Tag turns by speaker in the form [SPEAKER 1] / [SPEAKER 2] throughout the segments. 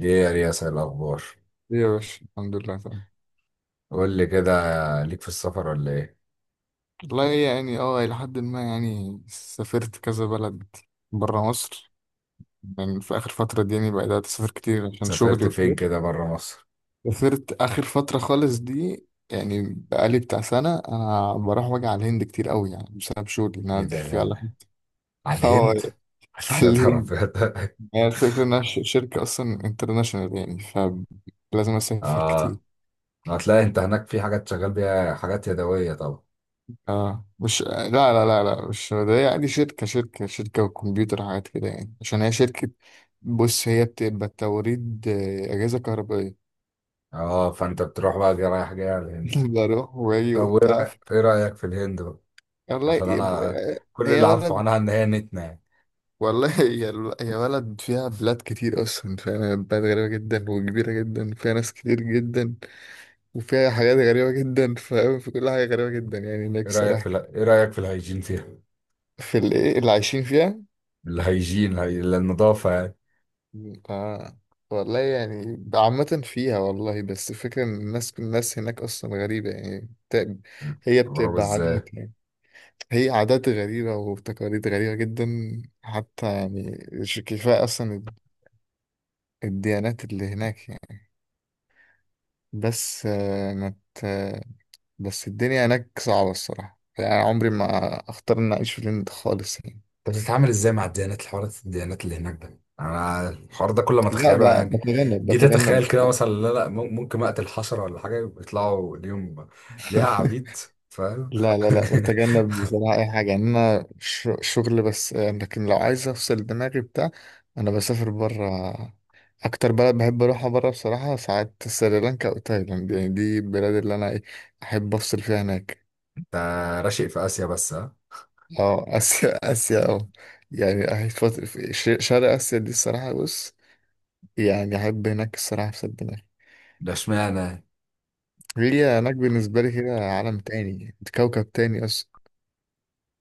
[SPEAKER 1] ايه يا رياس، إيه الاخبار؟
[SPEAKER 2] ليه يا باشا؟ الحمد لله تمام.
[SPEAKER 1] قول لي كده. ليك في السفر ولا ايه؟
[SPEAKER 2] والله يعني إلى حد ما، يعني سافرت كذا بلد برا مصر. يعني في آخر فترة دي يعني بدأت أسافر كتير عشان شغلي
[SPEAKER 1] سافرت فين
[SPEAKER 2] وكده.
[SPEAKER 1] كده بره مصر؟
[SPEAKER 2] سافرت آخر فترة خالص دي، يعني بقالي بتاع سنة أنا بروح واجي على الهند كتير أوي، يعني بسبب شغلي إن
[SPEAKER 1] ايه
[SPEAKER 2] أنا
[SPEAKER 1] ده؟
[SPEAKER 2] في
[SPEAKER 1] لا
[SPEAKER 2] على
[SPEAKER 1] لا. على
[SPEAKER 2] اه،
[SPEAKER 1] الهند؟
[SPEAKER 2] على
[SPEAKER 1] يا نهار
[SPEAKER 2] الهند.
[SPEAKER 1] أبيض.
[SPEAKER 2] يعني الفكرة إنها شركة أصلا انترناشونال، يعني فلازم أسافر كتير.
[SPEAKER 1] اه. هتلاقي انت هناك في حاجات شغال بيها، حاجات يدويه طبعا.
[SPEAKER 2] اه مش، لا، مش ده يعني. شركة شركة وكمبيوتر حاجات كده، يعني عشان هي شركة. بص، هي بتبقى توريد أجهزة كهربائية.
[SPEAKER 1] اه، فانت بتروح بقى جاي، رايح جاي على الهند؟
[SPEAKER 2] بروح وأجي
[SPEAKER 1] طب وايه
[SPEAKER 2] وبتاع.
[SPEAKER 1] إيه رايك في الهند بقى؟
[SPEAKER 2] والله
[SPEAKER 1] عشان
[SPEAKER 2] يب-
[SPEAKER 1] انا، كل
[SPEAKER 2] هي
[SPEAKER 1] اللي عارفه
[SPEAKER 2] بلد.
[SPEAKER 1] عنها ان هي نتنه يعني.
[SPEAKER 2] والله هي، هي بلد فيها بلاد كتير أصلا، فاهم؟ هي بلد غريبة جدا وكبيرة جدا، وفيها ناس كتير جدا، وفيها حاجات غريبة جدا، فاهم؟ في كل حاجة غريبة جدا يعني هناك، صراحة.
[SPEAKER 1] ايه رايك في الهيجين فيها؟
[SPEAKER 2] في الإيه اللي عايشين فيها.
[SPEAKER 1] الهيجين هي النظافه يعني.
[SPEAKER 2] آه. والله يعني عامة فيها، والله. بس الفكرة إن الناس، هناك أصلا غريبة، يعني هي
[SPEAKER 1] بيضربوا
[SPEAKER 2] بتبقى
[SPEAKER 1] ازاي؟
[SPEAKER 2] عادات يعني. هي عادات غريبة وتقاليد غريبة جدا، حتى يعني مش كفاية أصلا الديانات اللي هناك يعني. بس آه، ما ت- بس الدنيا هناك صعبة الصراحة، يعني عمري ما أختار إن أعيش في الهند خالص يعني.
[SPEAKER 1] طب بتتعامل ازاي مع الديانات، الحوارات الديانات اللي هناك؟ ده انا الحوار ده كل ما
[SPEAKER 2] لا
[SPEAKER 1] اتخيله انا
[SPEAKER 2] ب- بتجنب،
[SPEAKER 1] جيت اتخيل كده،
[SPEAKER 2] أخطاء.
[SPEAKER 1] مثلا لا لا، ممكن اقتل حشره ولا حاجه يطلعوا اليوم ليها عبيد، فاهم؟
[SPEAKER 2] لا، بتجنب بصراحة أي حاجة، يعني أنا شغل بس. لكن لو عايز أفصل دماغي بتاع أنا بسافر برا. أكتر بلد بحب أروحها برا بصراحة ساعات سريلانكا أو تايلاند، يعني دي البلاد اللي أنا إيه، أحب أفصل فيها هناك.
[SPEAKER 1] ده راشق في اسيا بس، ها؟
[SPEAKER 2] أه، آسيا. آسيا، أه. يعني أحب شرق آسيا دي الصراحة. بص، يعني أحب هناك الصراحة أفصل دماغي.
[SPEAKER 1] ده اشمعنى؟
[SPEAKER 2] هي هناك بالنسبة لي كده عالم تاني، كوكب تاني أصلا.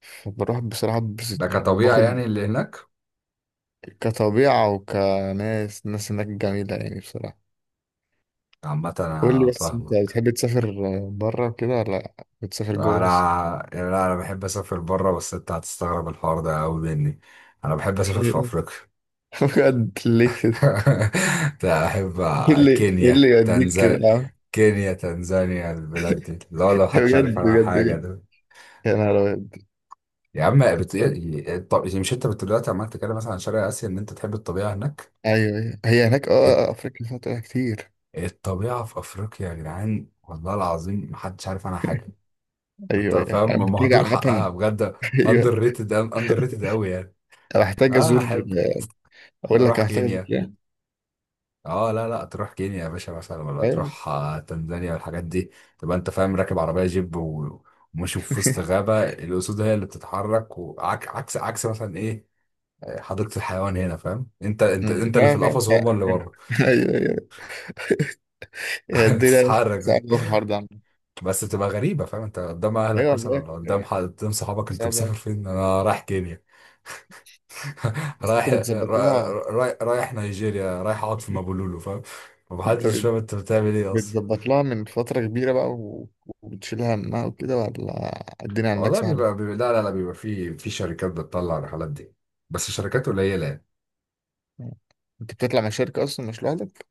[SPEAKER 2] فبروح بصراحة
[SPEAKER 1] ده
[SPEAKER 2] ببسط يعني،
[SPEAKER 1] كطبيعه
[SPEAKER 2] وباخد
[SPEAKER 1] يعني اللي هناك؟
[SPEAKER 2] كطبيعة وكناس. الناس هناك جميلة يعني، بصراحة.
[SPEAKER 1] عامه
[SPEAKER 2] قول لي،
[SPEAKER 1] انا
[SPEAKER 2] بس انت
[SPEAKER 1] فاهمك.
[SPEAKER 2] بتحب تسافر بره وكده، ولا بتسافر جوه بس؟
[SPEAKER 1] انا يعني انا بحب اسافر بره، بس انت هتستغرب الحوار ده قوي مني. انا بحب اسافر في افريقيا.
[SPEAKER 2] بجد؟ ليه كده؟
[SPEAKER 1] لا أحب
[SPEAKER 2] ايه اللي، ايه اللي
[SPEAKER 1] كينيا،
[SPEAKER 2] يوديك كده
[SPEAKER 1] تنزانيا.
[SPEAKER 2] يا عم؟
[SPEAKER 1] كينيا، تنزانيا، البلاد دي لا، لو محدش عارف
[SPEAKER 2] بجد
[SPEAKER 1] عنها
[SPEAKER 2] بجد
[SPEAKER 1] حاجة
[SPEAKER 2] بجد؟
[SPEAKER 1] ده.
[SPEAKER 2] يا نهار ابيض.
[SPEAKER 1] يا عم طب مش انت دلوقتي عمال تتكلم مثلا عن شرق آسيا ان انت تحب الطبيعة هناك؟
[SPEAKER 2] ايوه، ايوه، هي هناك، اه.
[SPEAKER 1] الت-
[SPEAKER 2] افريقيا فيها طبيعة كتير.
[SPEAKER 1] الطبيعة في أفريقيا يا جدعان، والله العظيم محدش عارف عنها حاجة. انت
[SPEAKER 2] ايوه ايوه، انا
[SPEAKER 1] فاهم،
[SPEAKER 2] محتاج
[SPEAKER 1] مهدور
[SPEAKER 2] عامة.
[SPEAKER 1] حقها بجد.
[SPEAKER 2] ايوه.
[SPEAKER 1] اندر ريتد، اندر ريتد قوي يعني.
[SPEAKER 2] أنا محتاج
[SPEAKER 1] اه،
[SPEAKER 2] ازور.
[SPEAKER 1] أحب
[SPEAKER 2] اقول لك،
[SPEAKER 1] أروح
[SPEAKER 2] أنا محتاج ازور
[SPEAKER 1] كينيا.
[SPEAKER 2] يعني.
[SPEAKER 1] اه لا لا، تروح كينيا يا باشا مثلا، ولا
[SPEAKER 2] ايوه.
[SPEAKER 1] تروح تنزانيا والحاجات دي. تبقى انت فاهم راكب عربيه جيب وماشي في وسط غابه، الاسود هي اللي بتتحرك، وعكس عكس عكس مثلا، ايه؟ حديقه الحيوان هنا، فاهم؟ انت، انت
[SPEAKER 2] أمم.
[SPEAKER 1] انت اللي في
[SPEAKER 2] لا، لا،
[SPEAKER 1] القفص
[SPEAKER 2] لا.
[SPEAKER 1] وهم اللي بره.
[SPEAKER 2] ايوه ايوه، هي الدنيا
[SPEAKER 1] بتتحرك.
[SPEAKER 2] صعبة في الحوار ده عامة.
[SPEAKER 1] بس بتبقى غريبه، فاهم؟ انت قدام اهلك
[SPEAKER 2] ايوه
[SPEAKER 1] مثلا،
[SPEAKER 2] بجد.
[SPEAKER 1] ولا قدام حد، قدام صحابك، انت مسافر
[SPEAKER 2] صعبة.
[SPEAKER 1] فين؟ انا رايح كينيا.
[SPEAKER 2] بس انت
[SPEAKER 1] رايح،
[SPEAKER 2] بتظبط لها.
[SPEAKER 1] رايح، رايح نيجيريا، رايح اقعد في مابولولو، فاهم؟
[SPEAKER 2] انت
[SPEAKER 1] ومحدش
[SPEAKER 2] بت-
[SPEAKER 1] فاهم انت بتعمل ايه اصلا.
[SPEAKER 2] بتظبط لها من فترة كبيرة بقى، و... وبتشيل همها وكده، ولا الدنيا عندك
[SPEAKER 1] والله
[SPEAKER 2] سهلة؟
[SPEAKER 1] بيبقى، لا لا لا، بيبقى في شركات بتطلع الرحلات دي. بس شركات قليله يعني.
[SPEAKER 2] انت بتطلع مع شركة اصلا مش لوحدك؟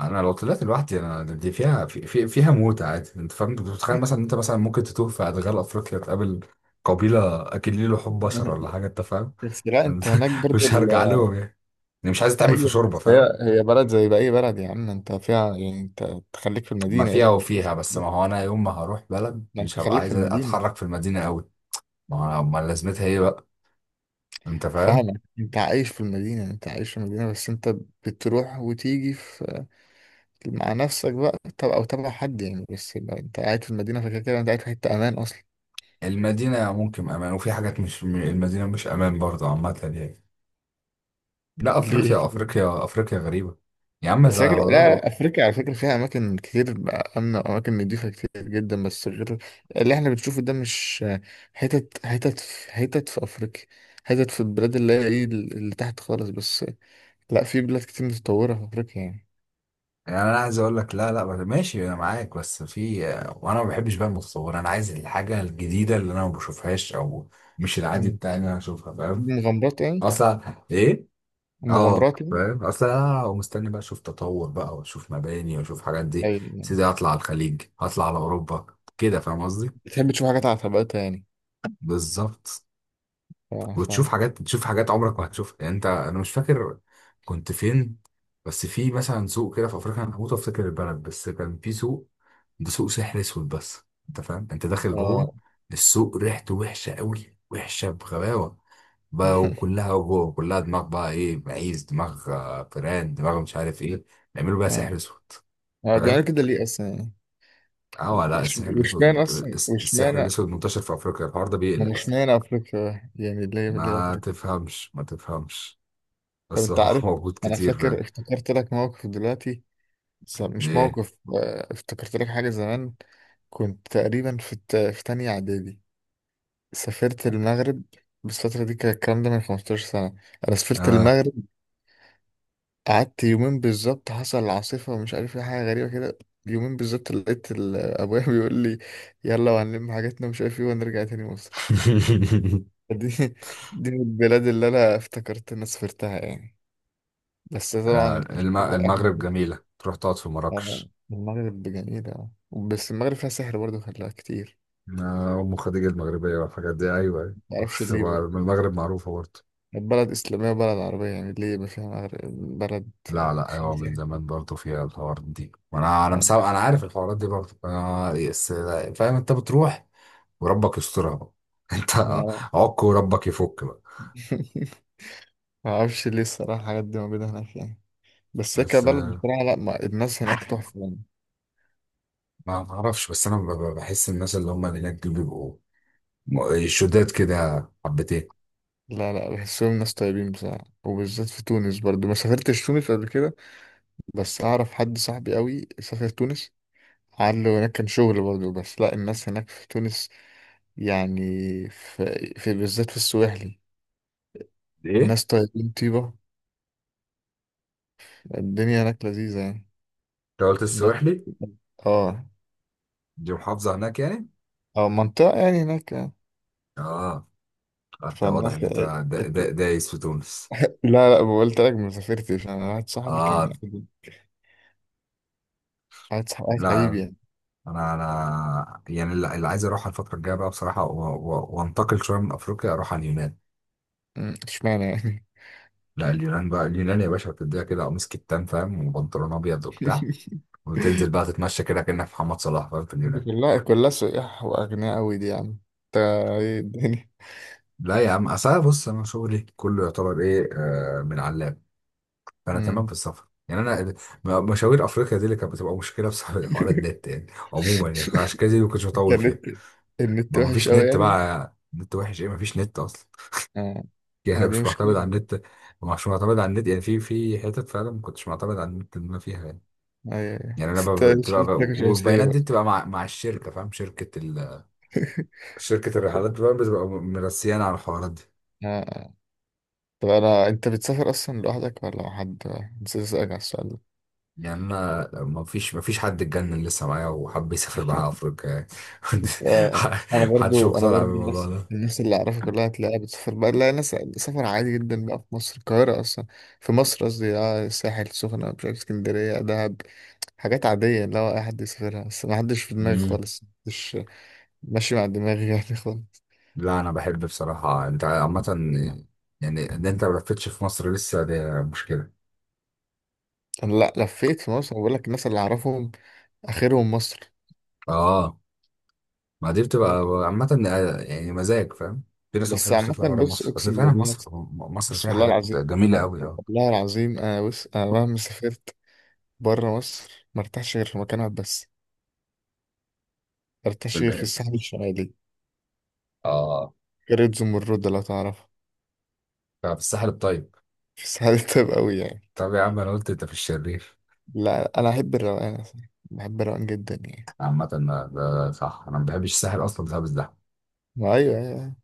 [SPEAKER 1] انا لو طلعت لوحدي، انا دي فيها، في في فيها موت عادي. انت فاهم، انت بتتخيل مثلا انت، مثلا ممكن تتوه في ادغال افريقيا، تقابل قبيله اكلين لحوم بشر ولا حاجه، انت فاهم؟
[SPEAKER 2] بس لا انت هناك برضه
[SPEAKER 1] مش
[SPEAKER 2] ال...
[SPEAKER 1] هرجع لهم يعني. يعني مش عايز اتعمل في
[SPEAKER 2] ايوه،
[SPEAKER 1] شوربه،
[SPEAKER 2] بس هي،
[SPEAKER 1] فاهم؟
[SPEAKER 2] هي بلد زي باقي بلد يا عم، انت فيها يعني. انت تخليك في
[SPEAKER 1] ما
[SPEAKER 2] المدينة، ايه
[SPEAKER 1] فيها
[SPEAKER 2] اللي هيديك؟ بس
[SPEAKER 1] وفيها، بس
[SPEAKER 2] لا،
[SPEAKER 1] ما هو انا يوم ما هروح بلد
[SPEAKER 2] ده انت
[SPEAKER 1] مش هبقى
[SPEAKER 2] خليك في
[SPEAKER 1] عايز
[SPEAKER 2] المدينة.
[SPEAKER 1] اتحرك في المدينه قوي. ما هو ما لازمتها ايه بقى؟ انت فاهم.
[SPEAKER 2] فاهمك، انت عايش في المدينة، انت عايش في المدينة. بس انت بتروح وتيجي في، مع نفسك بقى، طب او تبع حد يعني. بس لو انت قاعد في المدينه فكده كده انت قاعد في حته امان اصلا.
[SPEAKER 1] المدينه ممكن امان، وفي حاجات مش المدينه مش امان برضه عامه يعني. لا
[SPEAKER 2] ليه
[SPEAKER 1] افريقيا،
[SPEAKER 2] كده؟
[SPEAKER 1] افريقيا، افريقيا غريبه. يا عم
[SPEAKER 2] بس فاكر،
[SPEAKER 1] ده والله
[SPEAKER 2] لا،
[SPEAKER 1] بقى.
[SPEAKER 2] افريقيا على فكره فيها اماكن كتير امنه، واماكن نضيفه كتير جدا، بس غير اللي احنا بنشوفه ده. مش حتت، في حتت في افريقيا، حتت في البلاد اللي هي ايه، اللي تحت خالص بس. لا، في بلاد كتير متطوره في افريقيا يعني.
[SPEAKER 1] يعني انا عايز اقول لك، لا لا ماشي انا معاك، بس في. وانا ما بحبش بقى المتصور، انا عايز الحاجه الجديده اللي انا ما بشوفهاش، او مش العادي
[SPEAKER 2] مم.
[SPEAKER 1] بتاعي ان انا اشوفها، فاهم؟
[SPEAKER 2] مغامرات يعني،
[SPEAKER 1] اصلا، ايه؟ اه،
[SPEAKER 2] مغامرات يعني.
[SPEAKER 1] فاهم اصلا. انا مستني بقى اشوف تطور بقى، واشوف مباني واشوف حاجات، دي يا
[SPEAKER 2] أي يعني.
[SPEAKER 1] سيدي هطلع على الخليج، هطلع على اوروبا، كده فاهم قصدي.
[SPEAKER 2] بتحب تشوف حاجات على طبقتها يعني.
[SPEAKER 1] بالظبط.
[SPEAKER 2] ف... ف...
[SPEAKER 1] وتشوف حاجات عمرك ما هتشوفها يعني. انت، انا مش فاكر كنت فين، بس في مثلا سوق كده في افريقيا، انا هموت افتكر البلد، بس كان في سوق، ده سوق سحر اسود بس. انت فاهم، انت داخل جوه
[SPEAKER 2] آه.
[SPEAKER 1] السوق، ريحته وحشه قوي، وحشه بغباوه بقى، وكلها جوه كلها دماغ بقى، ايه، معيز دماغ، فيران دماغ، مش عارف ايه، بيعملوا بقى سحر اسود.
[SPEAKER 2] هو بيعمل
[SPEAKER 1] فاهم؟
[SPEAKER 2] كده ليه اصلا يعني؟
[SPEAKER 1] اه، لا، السحر الاسود
[SPEAKER 2] واشمعنى اصلا؟
[SPEAKER 1] السحر
[SPEAKER 2] واشمعنى،
[SPEAKER 1] الاسود منتشر في افريقيا، الحوار ده
[SPEAKER 2] ما
[SPEAKER 1] بيقلق اصلا.
[SPEAKER 2] اشمعنى افريقيا يعني؟ ليه، ليه
[SPEAKER 1] ما
[SPEAKER 2] افريقيا؟
[SPEAKER 1] تفهمش، ما تفهمش.
[SPEAKER 2] طب
[SPEAKER 1] بس
[SPEAKER 2] انت
[SPEAKER 1] هو
[SPEAKER 2] عارف،
[SPEAKER 1] موجود
[SPEAKER 2] انا
[SPEAKER 1] كتير،
[SPEAKER 2] فاكر،
[SPEAKER 1] فاهم؟
[SPEAKER 2] افتكرت لك موقف دلوقتي، بس مش
[SPEAKER 1] ايه.
[SPEAKER 2] موقف. افتكرت لك حاجه زمان. كنت تقريبا في في تانية اعدادي، سافرت المغرب. بس الفترة دي كان الكلام ده من 15 سنة. أنا سافرت
[SPEAKER 1] اه.
[SPEAKER 2] المغرب، قعدت يومين بالظبط، حصل العاصفة ومش عارف ايه، حاجة غريبة كده. يومين بالظبط لقيت أبويا بيقول لي يلا، وهنلم حاجاتنا ومش عارف ايه، ونرجع تاني مصر. دي دي من البلاد اللي انا افتكرت اني سافرتها يعني، بس طبعا مش فاكر اي حاجه
[SPEAKER 1] المغرب
[SPEAKER 2] فيها.
[SPEAKER 1] جميلة، تروح تقعد في مراكش.
[SPEAKER 2] المغرب جميله، آه. بس المغرب فيها سحر برضه، خلاها كتير.
[SPEAKER 1] أم خديجة المغربية والحاجات دي، أيوة أيوة.
[SPEAKER 2] معرفش
[SPEAKER 1] بس
[SPEAKER 2] ليه
[SPEAKER 1] هو من
[SPEAKER 2] برضه،
[SPEAKER 1] المغرب معروفة برضه.
[SPEAKER 2] بلد اسلاميه وبلد عربيه، يعني ليه ما فيها؟ مغرب بلد
[SPEAKER 1] لا لا،
[SPEAKER 2] فيها
[SPEAKER 1] أيوة، من
[SPEAKER 2] سحر.
[SPEAKER 1] زمان برضه فيها الحوارات دي، وأنا أنا
[SPEAKER 2] آه.
[SPEAKER 1] مسا... أنا عارف الحوارات دي برضه، بس لا، فاهم أنت بتروح. وربك يسترها بقى، أنت
[SPEAKER 2] آه.
[SPEAKER 1] عك، وربك يفك بقى.
[SPEAKER 2] معرفش ليه الصراحه الحاجات دي موجوده هناك يعني. بس هي
[SPEAKER 1] بس
[SPEAKER 2] كبلد بصراحه، لا، ما الناس هناك تحفه يعني.
[SPEAKER 1] ما أعرفش، بس أنا بحس الناس اللي هم اللي هناك دول بيبقوا شداد كده حبتين.
[SPEAKER 2] لا، بحسهم ناس طيبين بصراحة، وبالذات في تونس. برضو ما سافرتش تونس قبل كده، بس أعرف حد صاحبي قوي سافر تونس، عنده هناك كان شغل برضه. بس لا، الناس هناك في تونس يعني، في, في بالذات في السواحلي،
[SPEAKER 1] ايه؟
[SPEAKER 2] الناس طيبين، طيبة الدنيا هناك، لذيذة يعني.
[SPEAKER 1] انت قلت
[SPEAKER 2] الناس،
[SPEAKER 1] السويحلي؟
[SPEAKER 2] اه،
[SPEAKER 1] دي محافظة هناك يعني؟
[SPEAKER 2] اه، منطقة يعني هناك يعني.
[SPEAKER 1] اه. انت واضح
[SPEAKER 2] فالناس،
[SPEAKER 1] ان انت دايس في تونس.
[SPEAKER 2] لا، قلت لك ما سافرتش، انا واحد صاحبي كان
[SPEAKER 1] اه.
[SPEAKER 2] يعني، واحد صاحبي واحد حبيبي
[SPEAKER 1] لا،
[SPEAKER 2] يعني.
[SPEAKER 1] انا يعني، اللي عايز اروح الفترة الجاية بقى بصراحة، وانتقل شوية من افريقيا، اروح على اليونان.
[SPEAKER 2] أمم، اشمعنى يعني؟
[SPEAKER 1] لا اليونان بقى، اليونان يا باشا بتديها كده قميص كتان، فاهم، وبنطلون ابيض وبتاع، وتنزل بقى تتمشى كده كأنك محمد صلاح، فاهم، في
[SPEAKER 2] دي
[SPEAKER 1] اليونان.
[SPEAKER 2] كلها، كلها سياح واغنياء قوي دي يا عم انت. ايه الدنيا.
[SPEAKER 1] لا يا عم، اصل أنا بص، انا شغلي كله يعتبر ايه من علام. انا
[SPEAKER 2] أمم.
[SPEAKER 1] تمام في السفر، يعني انا مشاوير افريقيا دي اللي كانت بتبقى مشكله بسبب حوار النت يعني. عموما يعني عشان كده دي ما كنتش بطول فيها.
[SPEAKER 2] النت، النت
[SPEAKER 1] ما
[SPEAKER 2] وحش
[SPEAKER 1] فيش
[SPEAKER 2] قوي
[SPEAKER 1] نت
[SPEAKER 2] يعني.
[SPEAKER 1] بقى، نت وحش ايه، ما فيش نت اصلا.
[SPEAKER 2] آه.
[SPEAKER 1] يعني
[SPEAKER 2] آه،
[SPEAKER 1] انا
[SPEAKER 2] دي
[SPEAKER 1] مش
[SPEAKER 2] مشكلة.
[SPEAKER 1] معتمد على النت. مش معتمد على النت، يعني في حتت فعلا ما كنتش معتمد على النت اللي انا فيها يعني.
[SPEAKER 2] أيوة أيوة،
[SPEAKER 1] يعني انا
[SPEAKER 2] بس أنت
[SPEAKER 1] بتبقى
[SPEAKER 2] شكلك مش شمسية
[SPEAKER 1] والبيانات دي
[SPEAKER 2] بقى.
[SPEAKER 1] بتبقى مع الشركه، فاهم، شركه الرحلات بقى بتبقى مرسيانه على الحوارات دي.
[SPEAKER 2] آه. آه. طب أنا، أنت بتسافر أصلا لوحدك ولا مع حد؟ نسيت أسألك على السؤال ده.
[SPEAKER 1] يعني انا ما فيش حد اتجنن لسه معايا وحب يسافر معايا افريقيا يعني.
[SPEAKER 2] أنت. أنا
[SPEAKER 1] محدش
[SPEAKER 2] برضو،
[SPEAKER 1] مقتنع بالموضوع
[SPEAKER 2] الناس،
[SPEAKER 1] ده.
[SPEAKER 2] الناس اللي أعرفها كلها تلاقيها بتسافر بقى، لا، ناس سفر عادي جدا بقى في مصر، القاهرة أصلا. في مصر قصدي، آه، الساحل، السخنة، مش عارف، اسكندرية، دهب. حاجات عادية اللي هو أي حد يسافرها، بس ما حدش في دماغي
[SPEAKER 1] امم.
[SPEAKER 2] خالص، مش ماشي مع دماغي يعني خالص.
[SPEAKER 1] لا انا بحب بصراحه، انت عامه يعني، ان انت ما لفتش في مصر لسه دي مشكله.
[SPEAKER 2] أنا لا، لفيت في مصر، بقول لك الناس اللي أعرفهم آخرهم مصر.
[SPEAKER 1] اه. ما دي بتبقى عامه يعني، مزاج، فاهم. في ناس ما
[SPEAKER 2] بس
[SPEAKER 1] بتحبش
[SPEAKER 2] عامة،
[SPEAKER 1] تطلع بره
[SPEAKER 2] بص،
[SPEAKER 1] مصر، اصل
[SPEAKER 2] أقسم
[SPEAKER 1] فعلا
[SPEAKER 2] بالله،
[SPEAKER 1] مصر، مصر فيها
[SPEAKER 2] بسم الله
[SPEAKER 1] حاجات
[SPEAKER 2] العظيم،
[SPEAKER 1] جميله قوي، اه.
[SPEAKER 2] والله العظيم. أنا بص، أنا مهما سافرت برا مصر، مرتاحش غير في مكان واحد بس، مرتاحش غير في
[SPEAKER 1] بالبعد.
[SPEAKER 2] الساحل الشمالي،
[SPEAKER 1] اه.
[SPEAKER 2] قرية زمرد لو تعرفها.
[SPEAKER 1] طب الساحل الطيب؟
[SPEAKER 2] في الساحل الطيب أوي يعني.
[SPEAKER 1] طب يا عم، انا قلت انت في الشرير.
[SPEAKER 2] لا أنا أحب الروقان أصلا، بحب الروقان جدا يعني.
[SPEAKER 1] عامة ده، ده صح، انا ما بحبش الساحل اصلا بسبب الزحمة.
[SPEAKER 2] ما أيوه، أيوة. أيوه.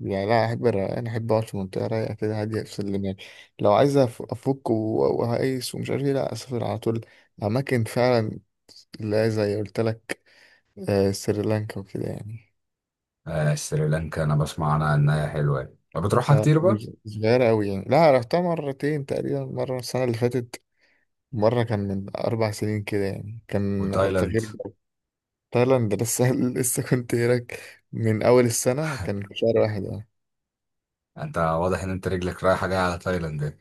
[SPEAKER 2] يعني لا أحب الروقان، أحب أقعد في منطقة رايقة كده، هادية، أفصل دماغي. لو عايز أفك، و- وهقيس ومش عارف إيه، لا، أسافر على طول أماكن فعلا. لا زي قلت لك، سريلانكا وكده يعني.
[SPEAKER 1] آه، سريلانكا، انا بسمع عنها انها حلوه يعني. طب بتروحها
[SPEAKER 2] آه،
[SPEAKER 1] كتير بقى؟
[SPEAKER 2] مش صغيرة أوي يعني، لا، رحتها مرتين تقريبا، مرة السنة اللي فاتت، مرة كان من 4 سنين كده يعني، كان
[SPEAKER 1] وتايلاند؟
[SPEAKER 2] تغيير جو. تايلاند لسه، لسه كنت هناك من أول السنة، كان في شهر واحد يعني.
[SPEAKER 1] انت واضح ان انت رجلك رايحه جايه على تايلاند يعني.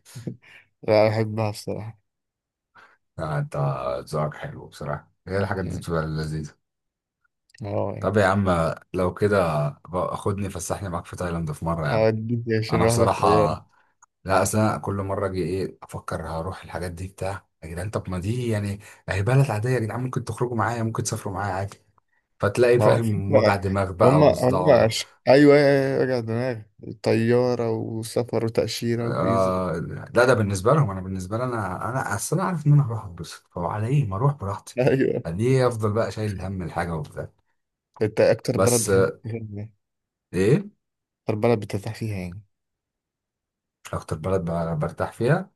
[SPEAKER 2] لا أحبها بصراحة
[SPEAKER 1] آه، انت ذوقك حلو بصراحه، هي الحاجات دي
[SPEAKER 2] يعني،
[SPEAKER 1] بتبقى لذيذه.
[SPEAKER 2] اه
[SPEAKER 1] طب
[SPEAKER 2] يعني.
[SPEAKER 1] يا عم لو كده بقى خدني فسحني معاك في تايلاند في مره يا عم.
[SPEAKER 2] أوديك عشان
[SPEAKER 1] انا
[SPEAKER 2] نروح
[SPEAKER 1] بصراحه،
[SPEAKER 2] بالطيارة.
[SPEAKER 1] لا اصل انا كل مره اجي ايه افكر هروح الحاجات دي بتاع يا جدعان، طب ما دي يعني هي بلد عاديه يا جدعان، ممكن تخرجوا معايا، ممكن تسافروا معايا عادي. فتلاقي
[SPEAKER 2] ما هو
[SPEAKER 1] فاهم وجع
[SPEAKER 2] فكرة،
[SPEAKER 1] دماغ بقى
[SPEAKER 2] هما هما
[SPEAKER 1] وصداع.
[SPEAKER 2] أيوه أيوه، أيوة، وجع دماغ، طيارة وسفر وتأشيرة وفيزا.
[SPEAKER 1] آه. لا ده بالنسبه لهم، انا بالنسبه لي، انا اصل انا عارف ان انا هروح اتبسط، فعلى ايه ما اروح براحتي؟
[SPEAKER 2] أيوه.
[SPEAKER 1] ليه افضل بقى شايل هم الحاجه وبتاع؟
[SPEAKER 2] أنت أكتر بلد
[SPEAKER 1] بس
[SPEAKER 2] بتحب،
[SPEAKER 1] ايه،
[SPEAKER 2] أكتر بلد بترتاح فيها يعني.
[SPEAKER 1] اكتر بلد برتاح فيها،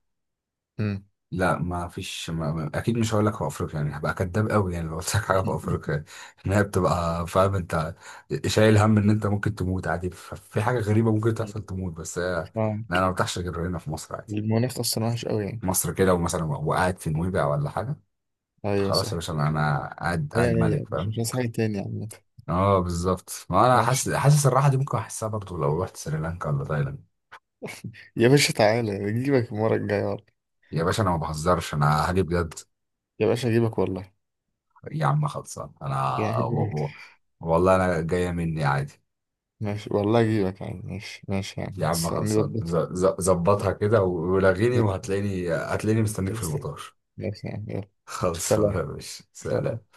[SPEAKER 2] مم.
[SPEAKER 1] لا ما فيش، اكيد مش هقول لك في افريقيا يعني، هبقى كداب قوي يعني لو قلت لك حاجه في افريقيا ان هي بتبقى، فاهم انت شايل هم ان انت ممكن تموت عادي، في حاجه غريبه ممكن تحصل تموت، بس لا
[SPEAKER 2] اه،
[SPEAKER 1] انا ما برتاحش غير هنا في مصر عادي.
[SPEAKER 2] المناخ اصلا وحش قوي يعني.
[SPEAKER 1] مصر كده، ومثلا وقاعد في نويبع ولا حاجه،
[SPEAKER 2] ايوه
[SPEAKER 1] خلاص يا
[SPEAKER 2] صح.
[SPEAKER 1] باشا، انا قاعد،
[SPEAKER 2] لا
[SPEAKER 1] قاعد
[SPEAKER 2] يعني،
[SPEAKER 1] ملك،
[SPEAKER 2] يعني مش، مش
[SPEAKER 1] فاهم.
[SPEAKER 2] عايز حاجه تاني عامة.
[SPEAKER 1] اه بالظبط، ما انا
[SPEAKER 2] ماشي.
[SPEAKER 1] حاسس، حاسس الراحه دي ممكن احسها برضو لو رحت سريلانكا ولا تايلاند.
[SPEAKER 2] يا باشا تعالى اجيبك المره الجايه والله.
[SPEAKER 1] يا باشا انا ما بهزرش، انا هاجي بجد.
[SPEAKER 2] يا باشا اجيبك والله
[SPEAKER 1] يا عم خلصان، انا
[SPEAKER 2] يعني.
[SPEAKER 1] والله انا جايه مني عادي.
[SPEAKER 2] ماشي، والله اجيبك يعني، ماشي، ماشي
[SPEAKER 1] يا
[SPEAKER 2] يعني،
[SPEAKER 1] عم خلصان،
[SPEAKER 2] نظبط.
[SPEAKER 1] ظبطها كده، ولغيني،
[SPEAKER 2] ماشي
[SPEAKER 1] وهتلاقيني، هتلاقيني مستنيك
[SPEAKER 2] يا
[SPEAKER 1] في
[SPEAKER 2] عم.
[SPEAKER 1] المطار.
[SPEAKER 2] ماشي يعني، يلا.
[SPEAKER 1] خلصان يا
[SPEAKER 2] سلام.
[SPEAKER 1] باشا،
[SPEAKER 2] سلام.
[SPEAKER 1] سلام.